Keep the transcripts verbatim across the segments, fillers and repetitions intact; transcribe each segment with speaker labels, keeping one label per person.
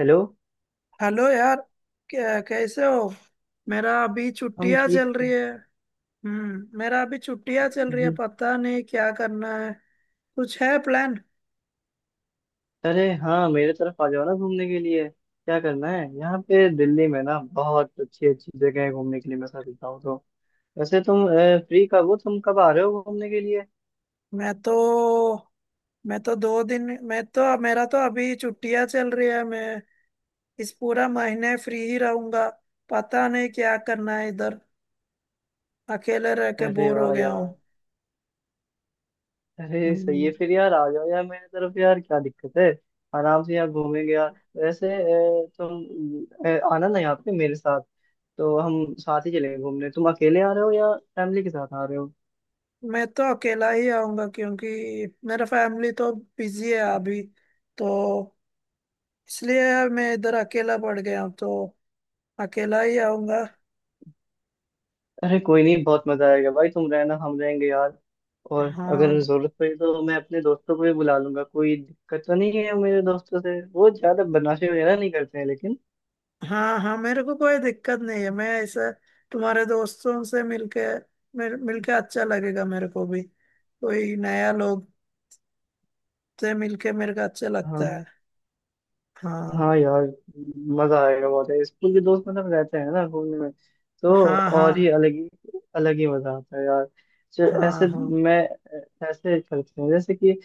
Speaker 1: Hello.
Speaker 2: Hello यार। कै- कैसे हो। मेरा अभी
Speaker 1: हम
Speaker 2: छुट्टियां
Speaker 1: ठीक
Speaker 2: चल रही
Speaker 1: है।
Speaker 2: है। हम्म मेरा अभी छुट्टियां चल रही है।
Speaker 1: हम्म।
Speaker 2: पता नहीं क्या करना है। कुछ है प्लान?
Speaker 1: अरे हाँ, मेरे तरफ आ जाओ ना घूमने के लिए। क्या करना है, यहाँ पे दिल्ली में ना बहुत अच्छी अच्छी जगह है घूमने के लिए, मैं सच बताऊँ तो। वैसे तुम फ्री कब हो, तुम कब आ रहे हो घूमने के लिए?
Speaker 2: मैं तो मैं तो दो दिन। मैं तो मेरा तो अभी छुट्टियां चल रही है। मैं इस पूरा महीने फ्री ही रहूंगा। पता नहीं क्या करना है इधर। अकेले रह के
Speaker 1: अरे
Speaker 2: बोर हो
Speaker 1: वाह
Speaker 2: गया
Speaker 1: यार।
Speaker 2: हूँ।
Speaker 1: अरे सही है
Speaker 2: हम्म।
Speaker 1: फिर यार, आ जाओ यार मेरे तरफ, यार क्या दिक्कत है। आराम से यार घूमेंगे यार। वैसे अ, तुम अ, आना ना यहाँ पे मेरे साथ, तो हम साथ ही चलेंगे घूमने। तुम अकेले आ रहे हो या फैमिली के साथ आ रहे हो?
Speaker 2: मैं तो अकेला ही आऊंगा क्योंकि मेरा फैमिली तो बिजी है अभी। तो इसलिए यार मैं इधर अकेला पड़ गया हूँ तो अकेला ही आऊंगा।
Speaker 1: अरे कोई नहीं, बहुत मजा आएगा भाई, तुम रहना हम रहेंगे यार। और अगर
Speaker 2: हाँ,
Speaker 1: जरूरत पड़ी तो मैं अपने दोस्तों को भी बुला लूंगा, कोई दिक्कत तो नहीं है, मेरे दोस्तों से वो ज्यादा बदमाशी वगैरह नहीं करते हैं लेकिन।
Speaker 2: हाँ, हाँ, मेरे को कोई दिक्कत नहीं है। मैं ऐसे तुम्हारे दोस्तों से मिलके मिल, मिलके अच्छा लगेगा मेरे को भी। कोई नया लोग से मिलके मेरे को अच्छा लगता
Speaker 1: हाँ।
Speaker 2: है। हाँ,
Speaker 1: हाँ यार, मजा आएगा, बहुत है स्कूल के दोस्त, मतलब रहते हैं ना घूमने में तो
Speaker 2: हाँ। हाँ,
Speaker 1: और ही अलग ही अलग ही मजा आता है यार। च-
Speaker 2: हाँ,
Speaker 1: ऐसे
Speaker 2: हाँ,
Speaker 1: मैं ऐसे करते हैं जैसे कि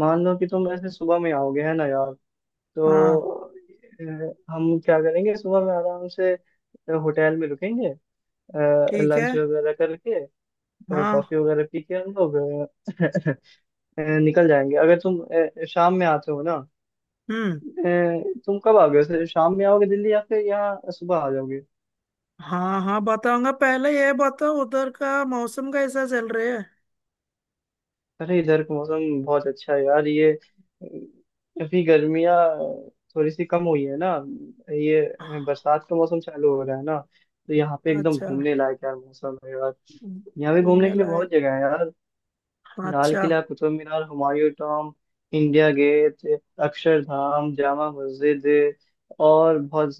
Speaker 1: मान लो कि तुम ऐसे सुबह में आओगे है ना यार,
Speaker 2: हाँ।
Speaker 1: तो अ, हम क्या करेंगे सुबह में आराम से अ, होटल में रुकेंगे,
Speaker 2: ठीक है।
Speaker 1: लंच वगैरह करके,
Speaker 2: हाँ।
Speaker 1: कॉफी वगैरह पी के हम लोग अ, अ, निकल जाएंगे। अगर तुम अ, शाम में आते हो ना।
Speaker 2: हम्म।
Speaker 1: अ, तुम कब आओगे वैसे, शाम में आओगे दिल्ली या फिर यहाँ सुबह आ जाओगे?
Speaker 2: हाँ, हाँ, बताऊंगा। पहले ये बताओ उधर का मौसम कैसा चल रहा है।
Speaker 1: अरे इधर का मौसम बहुत अच्छा है यार, ये अ, अभी गर्मियाँ थोड़ी सी कम हुई है ना, ये अ, बरसात का मौसम चालू हो रहा है ना, तो यहाँ पे एकदम
Speaker 2: अच्छा।
Speaker 1: घूमने लायक यार मौसम है यार। यहाँ पे घूमने
Speaker 2: घूमने
Speaker 1: के लिए
Speaker 2: लायक।
Speaker 1: बहुत जगह है यार।
Speaker 2: हाँ,
Speaker 1: लाल
Speaker 2: अच्छा।
Speaker 1: Qila, Qutub Minar, Humayun tomb, India Gate, Akshardham, Jama Masjid, और बहुत।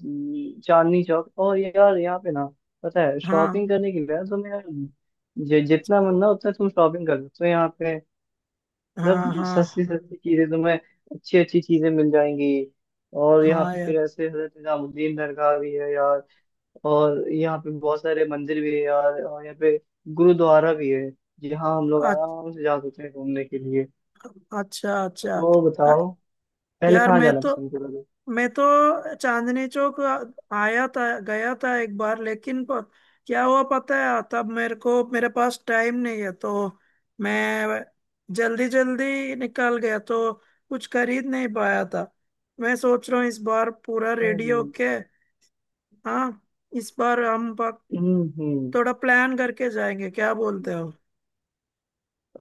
Speaker 1: चांदनी चौक, और यार यहाँ पे ना पता है
Speaker 2: हाँ,
Speaker 1: शॉपिंग करने के लिए ना तुम्हें जि- जितना मन ना उतना तुम शॉपिंग कर सकते हो यहाँ पे।
Speaker 2: हाँ।
Speaker 1: मतलब सस्ती
Speaker 2: हाँ,
Speaker 1: सस्ती चीजें तुम्हें, अच्छी अच्छी चीजें मिल जाएंगी। और यहाँ
Speaker 2: हाँ
Speaker 1: पे
Speaker 2: यार।
Speaker 1: फिर ऐसे हजरत निजामुद्दीन दरगाह भी है यार। और यहाँ पे बहुत सारे मंदिर भी है यार, और यहाँ पे गुरुद्वारा भी है, जहाँ हम लोग
Speaker 2: अच्छ-
Speaker 1: आराम से जा सकते हैं घूमने के लिए।
Speaker 2: अच्छा, अच्छा।
Speaker 1: तो
Speaker 2: अ-
Speaker 1: बताओ पहले
Speaker 2: यार,
Speaker 1: कहाँ
Speaker 2: मैं
Speaker 1: जाना
Speaker 2: तो
Speaker 1: पसंद करोगे?
Speaker 2: मैं तो चांदनी चौक आ- आया था, गया था एक बार। लेकिन प, क्या हुआ पता है, तब मेरे को, मेरे पास टाइम नहीं है तो मैं जल्दी जल्दी निकल गया तो कुछ खरीद नहीं पाया था। मैं सोच रहा हूँ इस बार पूरा रेडी
Speaker 1: हम्म।
Speaker 2: होके। हाँ। इस बार हम पक-
Speaker 1: हम्म।
Speaker 2: थोड़ा प्लान करके जाएंगे, क्या बोलते हो?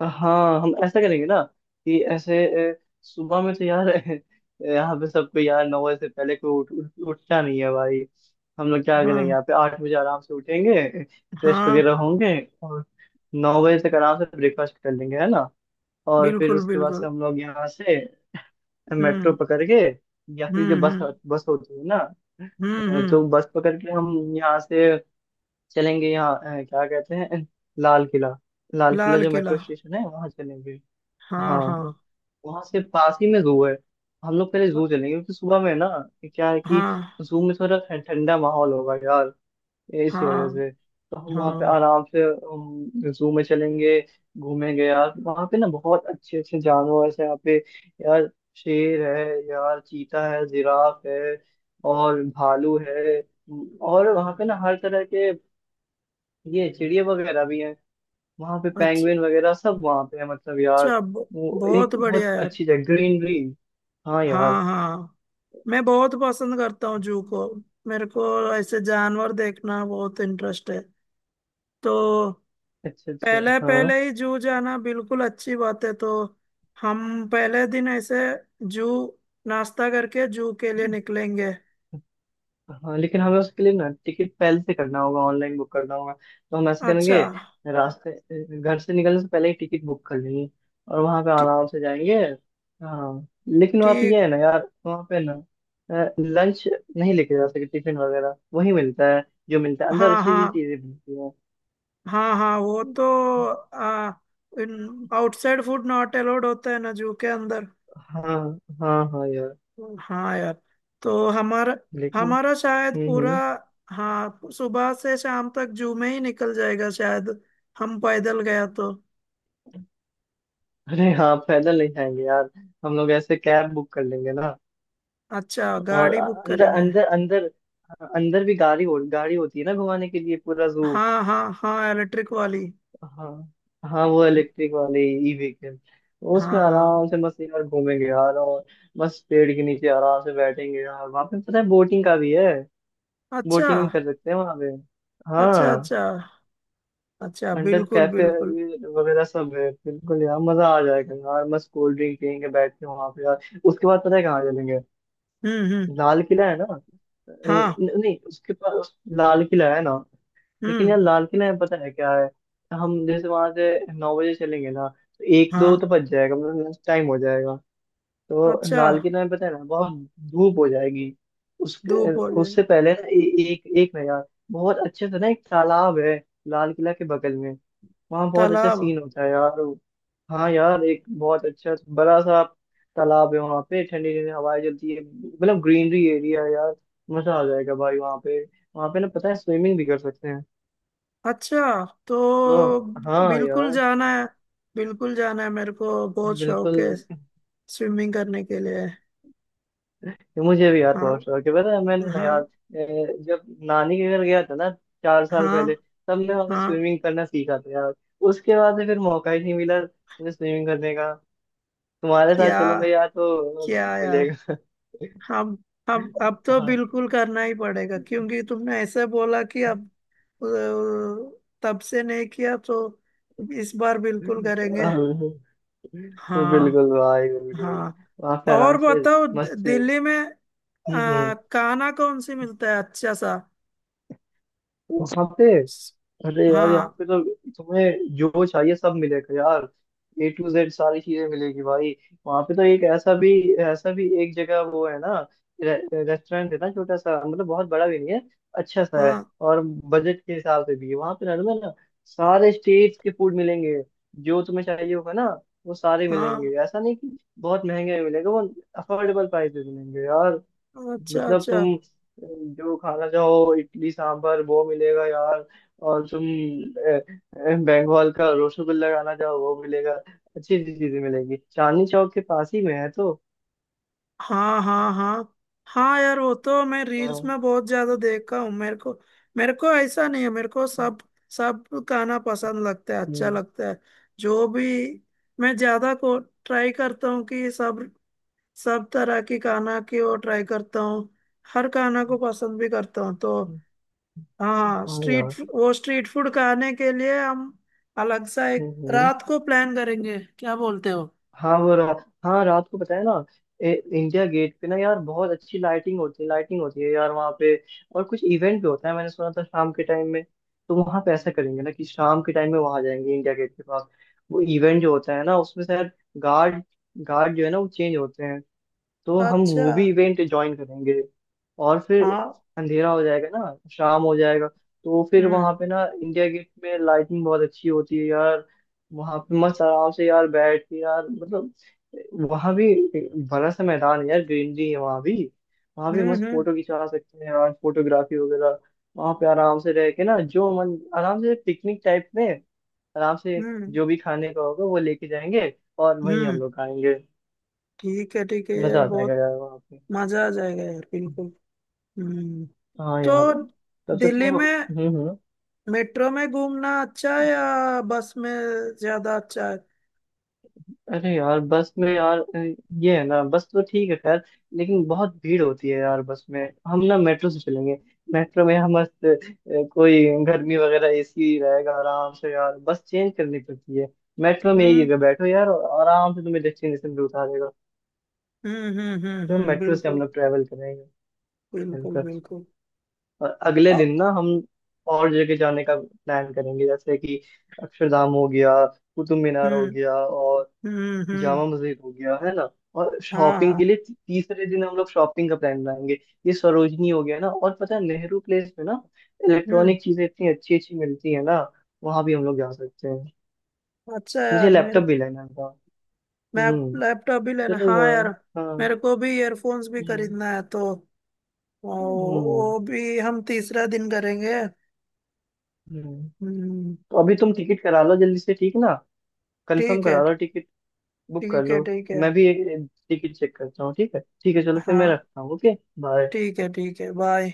Speaker 1: हाँ हम ऐसा करेंगे ना कि ऐसे अ, सुबह में तो यार यहाँ पे सबको यार नौ बजे से पहले कोई उठ, उठ, उठता नहीं है भाई। हम लोग क्या करेंगे,
Speaker 2: हाँ,
Speaker 1: यहाँ पे आठ बजे आराम से उठेंगे, फ्रेश
Speaker 2: हाँ,
Speaker 1: वगैरह होंगे, और नौ बजे तक आराम से ब्रेकफास्ट कर लेंगे है ना। और फिर
Speaker 2: बिल्कुल
Speaker 1: उसके बाद से
Speaker 2: बिल्कुल।
Speaker 1: हम लोग यहाँ से मेट्रो
Speaker 2: हम्म
Speaker 1: पकड़ के या फिर जो
Speaker 2: हम्म
Speaker 1: बस,
Speaker 2: हम्म
Speaker 1: बस होती है ना,
Speaker 2: हम्म
Speaker 1: अ,
Speaker 2: हम्म।
Speaker 1: तो बस पकड़ के हम यहाँ से चलेंगे। यहाँ अ, क्या कहते हैं, लाल किला, लाल किला
Speaker 2: लाल
Speaker 1: जो
Speaker 2: किला।
Speaker 1: मेट्रो स्टेशन है वहाँ चलेंगे।
Speaker 2: हाँ,
Speaker 1: हाँ।
Speaker 2: हाँ,
Speaker 1: वहां से पास ही में जू है, हम लोग पहले जू चलेंगे क्योंकि सुबह में ना ये क्या है कि
Speaker 2: हाँ,
Speaker 1: जू में थोड़ा ठं- ठंडा माहौल होगा यार, इसी वजह
Speaker 2: हाँ,
Speaker 1: से तो हम वहाँ पे
Speaker 2: हाँ।
Speaker 1: आराम से जू में चलेंगे। घूमेंगे यार, वहाँ पे ना बहुत अच्छे अच्छे जानवर हैं यहाँ पे यार, शेर है यार, चीता है, जिराफ है, और भालू है। और वहाँ पे ना हर तरह के ये चिड़िया वगैरह भी हैं, वहां पे
Speaker 2: अच्छा,
Speaker 1: पेंगुइन वगैरह सब वहां पे है मतलब यार।
Speaker 2: अच्छा। ब-
Speaker 1: वो एक
Speaker 2: बहुत
Speaker 1: बहुत
Speaker 2: बढ़िया यार।
Speaker 1: अच्छी जगह, ग्रीनरी। हाँ यार।
Speaker 2: हाँ, हाँ। मैं बहुत पसंद करता हूँ जू को। मेरे को ऐसे जानवर देखना बहुत इंटरेस्ट है, तो
Speaker 1: अच्छा अच्छा।
Speaker 2: पहले
Speaker 1: हाँ
Speaker 2: पहले ही जू जाना बिल्कुल अच्छी बात है। तो हम पहले दिन ऐसे जू, नाश्ता करके जू के लिए निकलेंगे।
Speaker 1: हाँ, लेकिन हमें उसके लिए ना टिकट पहले से करना होगा, ऑनलाइन बुक करना होगा, तो हम ऐसा
Speaker 2: अच्छा।
Speaker 1: करेंगे, रास्ते घर से निकलने से पहले ही टिकट बुक कर लेंगे और वहां पे
Speaker 2: ठी-
Speaker 1: आराम से जाएंगे। हाँ। लेकिन वहाँ पे ये
Speaker 2: ठीक।
Speaker 1: है ना यार, वहाँ पे ना लंच नहीं लेके जा सकते, टिफिन वगैरह, वही मिलता है जो मिलता है अंदर,
Speaker 2: हाँ,
Speaker 1: अच्छी अच्छी
Speaker 2: हाँ।
Speaker 1: चीजें मिलती है।
Speaker 2: हाँ, हाँ वो तो आ, in outside food not allowed होता है ना जू के अंदर।
Speaker 1: हाँ हाँ हाँ यार।
Speaker 2: हाँ यार। तो हमारा
Speaker 1: लेकिन
Speaker 2: हमारा शायद
Speaker 1: हम्म
Speaker 2: पूरा,
Speaker 1: हम्म।
Speaker 2: हाँ, सुबह से शाम तक जू में ही निकल जाएगा शायद। हम पैदल गया तो।
Speaker 1: अरे हाँ, पैदल नहीं जाएंगे यार, हम लोग ऐसे कैब बुक कर लेंगे ना।
Speaker 2: अच्छा,
Speaker 1: और
Speaker 2: गाड़ी बुक
Speaker 1: अंदर
Speaker 2: करेंगे?
Speaker 1: अंदर अंदर अंदर भी गाड़ी हो, गाड़ी होती है ना घुमाने के लिए पूरा जू।
Speaker 2: हाँ, हाँ, हाँ, इलेक्ट्रिक वाली।
Speaker 1: हाँ। हाँ, वो इलेक्ट्रिक वाली, ई व्हीकल, उसमें
Speaker 2: हाँ।
Speaker 1: आराम से मस्त यार घूमेंगे यार। और मस्त पेड़ के नीचे आराम से बैठेंगे यार। वहाँ पे पता है बोटिंग का भी है,
Speaker 2: अच्छा,
Speaker 1: बोटिंग भी कर सकते हैं वहाँ पे।
Speaker 2: अच्छा।
Speaker 1: हाँ।
Speaker 2: अच्छा, अच्छा,
Speaker 1: अंडर
Speaker 2: बिल्कुल
Speaker 1: कैफे
Speaker 2: बिल्कुल।
Speaker 1: वगैरह सब है बिल्कुल यार, मजा आ जाएगा यार, मस्त कोल्ड ड्रिंक पियेंगे बैठ के वहां पे यार। उसके बाद पता है कहाँ चलेंगे,
Speaker 2: हम्म हम्म।
Speaker 1: लाल किला है ना। अ,
Speaker 2: हाँ।
Speaker 1: न- नहीं, उसके पास लाल किला है ना, लेकिन
Speaker 2: हम्म।
Speaker 1: यार लाल किला में पता है क्या है, हम जैसे वहां से नौ बजे चलेंगे ना, तो एक दो
Speaker 2: हाँ।
Speaker 1: तो बज जाएगा, मतलब लंच टाइम हो जाएगा, तो
Speaker 2: अच्छा।
Speaker 1: लाल किला में पता है ना बहुत धूप हो जाएगी। उसके,
Speaker 2: धूप हो जाए।
Speaker 1: उससे पहले ना ए, एक एक ना यार बहुत अच्छे से ना एक तालाब है, लाल किला के बगल में, वहाँ बहुत अच्छा
Speaker 2: तालाब।
Speaker 1: सीन होता है यार। हाँ यार, एक बहुत अच्छा बड़ा सा तालाब है, वहाँ पे ठंडी ठंडी हवाएं चलती है, मतलब ग्रीनरी एरिया है यार, मजा आ जाएगा भाई वहाँ पे। वहाँ पे ना पता है स्विमिंग भी कर सकते हैं,
Speaker 2: अच्छा
Speaker 1: तो।
Speaker 2: तो।
Speaker 1: हाँ
Speaker 2: बिल्कुल
Speaker 1: यार।
Speaker 2: जाना है। बिल्कुल जाना है, मेरे को बहुत शौक
Speaker 1: बिल्कुल।
Speaker 2: है स्विमिंग करने के लिए।
Speaker 1: मुझे भी यार
Speaker 2: हाँ,
Speaker 1: बहुत शौक है, पता है मैंने ना
Speaker 2: हाँ।
Speaker 1: यार ए, जब नानी के घर गया था ना, चार साल
Speaker 2: हाँ,
Speaker 1: पहले, तब मैं वहाँ पे
Speaker 2: हाँ।
Speaker 1: स्विमिंग करना सीखा था यार। उसके बाद से फिर मौका ही नहीं मिला मुझे स्विमिंग करने का। तुम्हारे साथ
Speaker 2: क्या?
Speaker 1: चलूंगा यार तो
Speaker 2: क्या यार?
Speaker 1: मिलेगा।
Speaker 2: हम हम अब तो
Speaker 1: हाँ।
Speaker 2: बिल्कुल करना ही पड़ेगा क्योंकि तुमने ऐसे बोला कि अब अ, तब से नहीं किया तो इस बार बिल्कुल करेंगे।
Speaker 1: बिल्कुल, भाई
Speaker 2: हाँ।
Speaker 1: बिल्कुल,
Speaker 2: हाँ,
Speaker 1: वहाँ पे आराम
Speaker 2: और
Speaker 1: से
Speaker 2: बताओ द-
Speaker 1: मस्त से-
Speaker 2: दिल्ली में
Speaker 1: हम्म
Speaker 2: अ,
Speaker 1: हम्म।
Speaker 2: खाना कौन सी मिलता है अच्छा सा?
Speaker 1: वहाँ पे
Speaker 2: स-
Speaker 1: अरे यार यहाँ
Speaker 2: हाँ,
Speaker 1: पे तो तुम्हें जो चाहिए सब मिलेगा यार, ए टू जेड सारी चीजें मिलेगी भाई। वहाँ पे तो एक ऐसा भी, ऐसा भी एक जगह वो है ना, रे, रेस्टोरेंट है ना, छोटा सा, मतलब बहुत बड़ा भी नहीं है, अच्छा सा है,
Speaker 2: हाँ,
Speaker 1: और बजट के हिसाब से भी है, वहाँ पे नॉर्मल ना सारे स्टेट्स के फूड मिलेंगे, जो तुम्हें चाहिए होगा ना वो सारे
Speaker 2: हाँ।
Speaker 1: मिलेंगे, ऐसा नहीं कि बहुत महंगे मिलेंगे, वो अफोर्डेबल प्राइस पे मिलेंगे यार।
Speaker 2: अच्छा,
Speaker 1: मतलब
Speaker 2: अच्छा।
Speaker 1: तुम जो खाना चाहो इडली सांभर वो मिलेगा यार। और तुम अ, अ, बंगाल का रसगुल्ला खाना चाहो वो मिलेगा, अच्छी अच्छी चीजें मिलेगी, चांदनी चौक के पास ही में है तो।
Speaker 2: हाँ, हाँ, हाँ, हाँ यार, वो तो मैं रील्स
Speaker 1: हाँ।
Speaker 2: में बहुत ज्यादा देखा हूँ। मेरे को मेरे को ऐसा नहीं है, मेरे को सब सब गाना पसंद लगता है, अच्छा
Speaker 1: हम्म।
Speaker 2: लगता है। जो भी, मैं ज्यादा को ट्राई करता हूँ कि सब सब तरह की गाना की वो ट्राई करता हूँ। हर गाना को पसंद भी करता हूँ तो। हाँ
Speaker 1: हाँ
Speaker 2: स्ट्रीट,
Speaker 1: यार।
Speaker 2: वो स्ट्रीट फूड खाने के लिए हम अलग सा
Speaker 1: हम्म,
Speaker 2: एक
Speaker 1: हम्म।
Speaker 2: रात को प्लान करेंगे, क्या बोलते हो?
Speaker 1: हाँ वो रात, हाँ रात को पता है ना ए, इंडिया गेट पे ना यार बहुत अच्छी लाइटिंग होती है लाइटिंग होती है यार वहाँ पे। और कुछ इवेंट भी होता है, मैंने सुना था शाम के टाइम में, तो वहाँ पे ऐसा करेंगे ना कि शाम के टाइम में वहाँ जाएंगे इंडिया गेट के पास। वो इवेंट जो होता है ना, उसमें शायद गार्ड गार्ड जो है ना वो चेंज होते हैं, तो हम
Speaker 2: अच्छा।
Speaker 1: वो भी इवेंट ज्वाइन करेंगे। और फिर
Speaker 2: हाँ।
Speaker 1: अंधेरा हो जाएगा ना, शाम हो जाएगा, तो फिर
Speaker 2: हम्म
Speaker 1: वहां पे ना इंडिया गेट में लाइटिंग बहुत अच्छी होती है यार, वहां पे मस्त आराम से यार बैठ के यार, मतलब वहां भी बड़ा सा मैदान है यार, ग्रीनरी है वहां भी। वहां भी
Speaker 2: हम्म।
Speaker 1: मस्त
Speaker 2: हम्म
Speaker 1: फोटो खिंचा सकते हैं यार, फोटोग्राफी वगैरह। वहां पे आराम से रह के ना, जो मन, आराम से पिकनिक टाइप में, आराम से
Speaker 2: हम्म
Speaker 1: जो भी खाने का होगा वो लेके जाएंगे और वहीं
Speaker 2: हम्म।
Speaker 1: हम लोग खाएंगे।
Speaker 2: ठीक है, ठीक है, ये
Speaker 1: मजा आ जाएगा
Speaker 2: बहुत
Speaker 1: यार वहाँ पे।
Speaker 2: मजा आ जाएगा यार, बिल्कुल। हम्म।
Speaker 1: हाँ
Speaker 2: तो
Speaker 1: यार। तब तक तो
Speaker 2: दिल्ली में
Speaker 1: हम्म हम्म।
Speaker 2: मेट्रो में घूमना अच्छा है या बस में ज्यादा अच्छा है?
Speaker 1: अरे यार बस में यार, अ, ये है ना, बस तो ठीक है खैर, लेकिन बहुत भीड़ होती है यार बस में। हम ना मेट्रो से चलेंगे, मेट्रो में हम मस्त अ, कोई गर्मी वगैरह, एसी रहेगा आराम से यार, बस चेंज करनी पड़ती है, मेट्रो में ही
Speaker 2: हम्म
Speaker 1: जगह बैठो यार, और आराम से तुम्हें डेस्टिनेशन पे उतार देगा।
Speaker 2: हम्म। हम्म हम्म
Speaker 1: तो
Speaker 2: हम्म,
Speaker 1: मेट्रो से हम
Speaker 2: बिल्कुल
Speaker 1: लोग ट्रेवल करेंगे।
Speaker 2: बिल्कुल।
Speaker 1: बिल्कुल।
Speaker 2: बिल्कुल।
Speaker 1: और अगले
Speaker 2: अ,
Speaker 1: दिन ना हम और जगह जाने का प्लान करेंगे, जैसे कि अक्षरधाम हो गया, कुतुब मीनार हो
Speaker 2: हम्म
Speaker 1: गया, और
Speaker 2: हम्म। हम्म।
Speaker 1: जामा मस्जिद हो गया है ना। और
Speaker 2: हाँ,
Speaker 1: शॉपिंग के
Speaker 2: हाँ।
Speaker 1: लिए ती- तीसरे दिन हम लोग शॉपिंग का प्लान बनाएंगे, ये सरोजनी हो गया ना, और पता है नेहरू प्लेस में ना
Speaker 2: हम्म।
Speaker 1: इलेक्ट्रॉनिक चीजें इतनी अच्छी अच्छी मिलती है ना, वहां भी हम लोग जा सकते हैं,
Speaker 2: अच्छा
Speaker 1: मुझे
Speaker 2: यार, मेरे,
Speaker 1: लैपटॉप भी लेना था।
Speaker 2: मैं
Speaker 1: हम्म।
Speaker 2: लैपटॉप भी लेना,
Speaker 1: चलो
Speaker 2: हाँ यार।
Speaker 1: यार। हाँ।
Speaker 2: मेरे को भी ईयरफोन्स भी
Speaker 1: हम्म
Speaker 2: खरीदना है तो वो
Speaker 1: हम्म
Speaker 2: वो भी हम तीसरा दिन करेंगे।
Speaker 1: हम्म।
Speaker 2: हम्म।
Speaker 1: तो अभी तुम टिकट करा लो जल्दी से, ठीक ना, कंफर्म
Speaker 2: ठीक है,
Speaker 1: करा लो टिकट, बुक कर
Speaker 2: ठीक है,
Speaker 1: लो।
Speaker 2: ठीक है।
Speaker 1: मैं भी टिकट चेक करता हूँ। ठीक है ठीक है, चलो फिर मैं
Speaker 2: हाँ,
Speaker 1: रखता हूँ, ओके। बाय।
Speaker 2: ठीक है, ठीक है, बाय।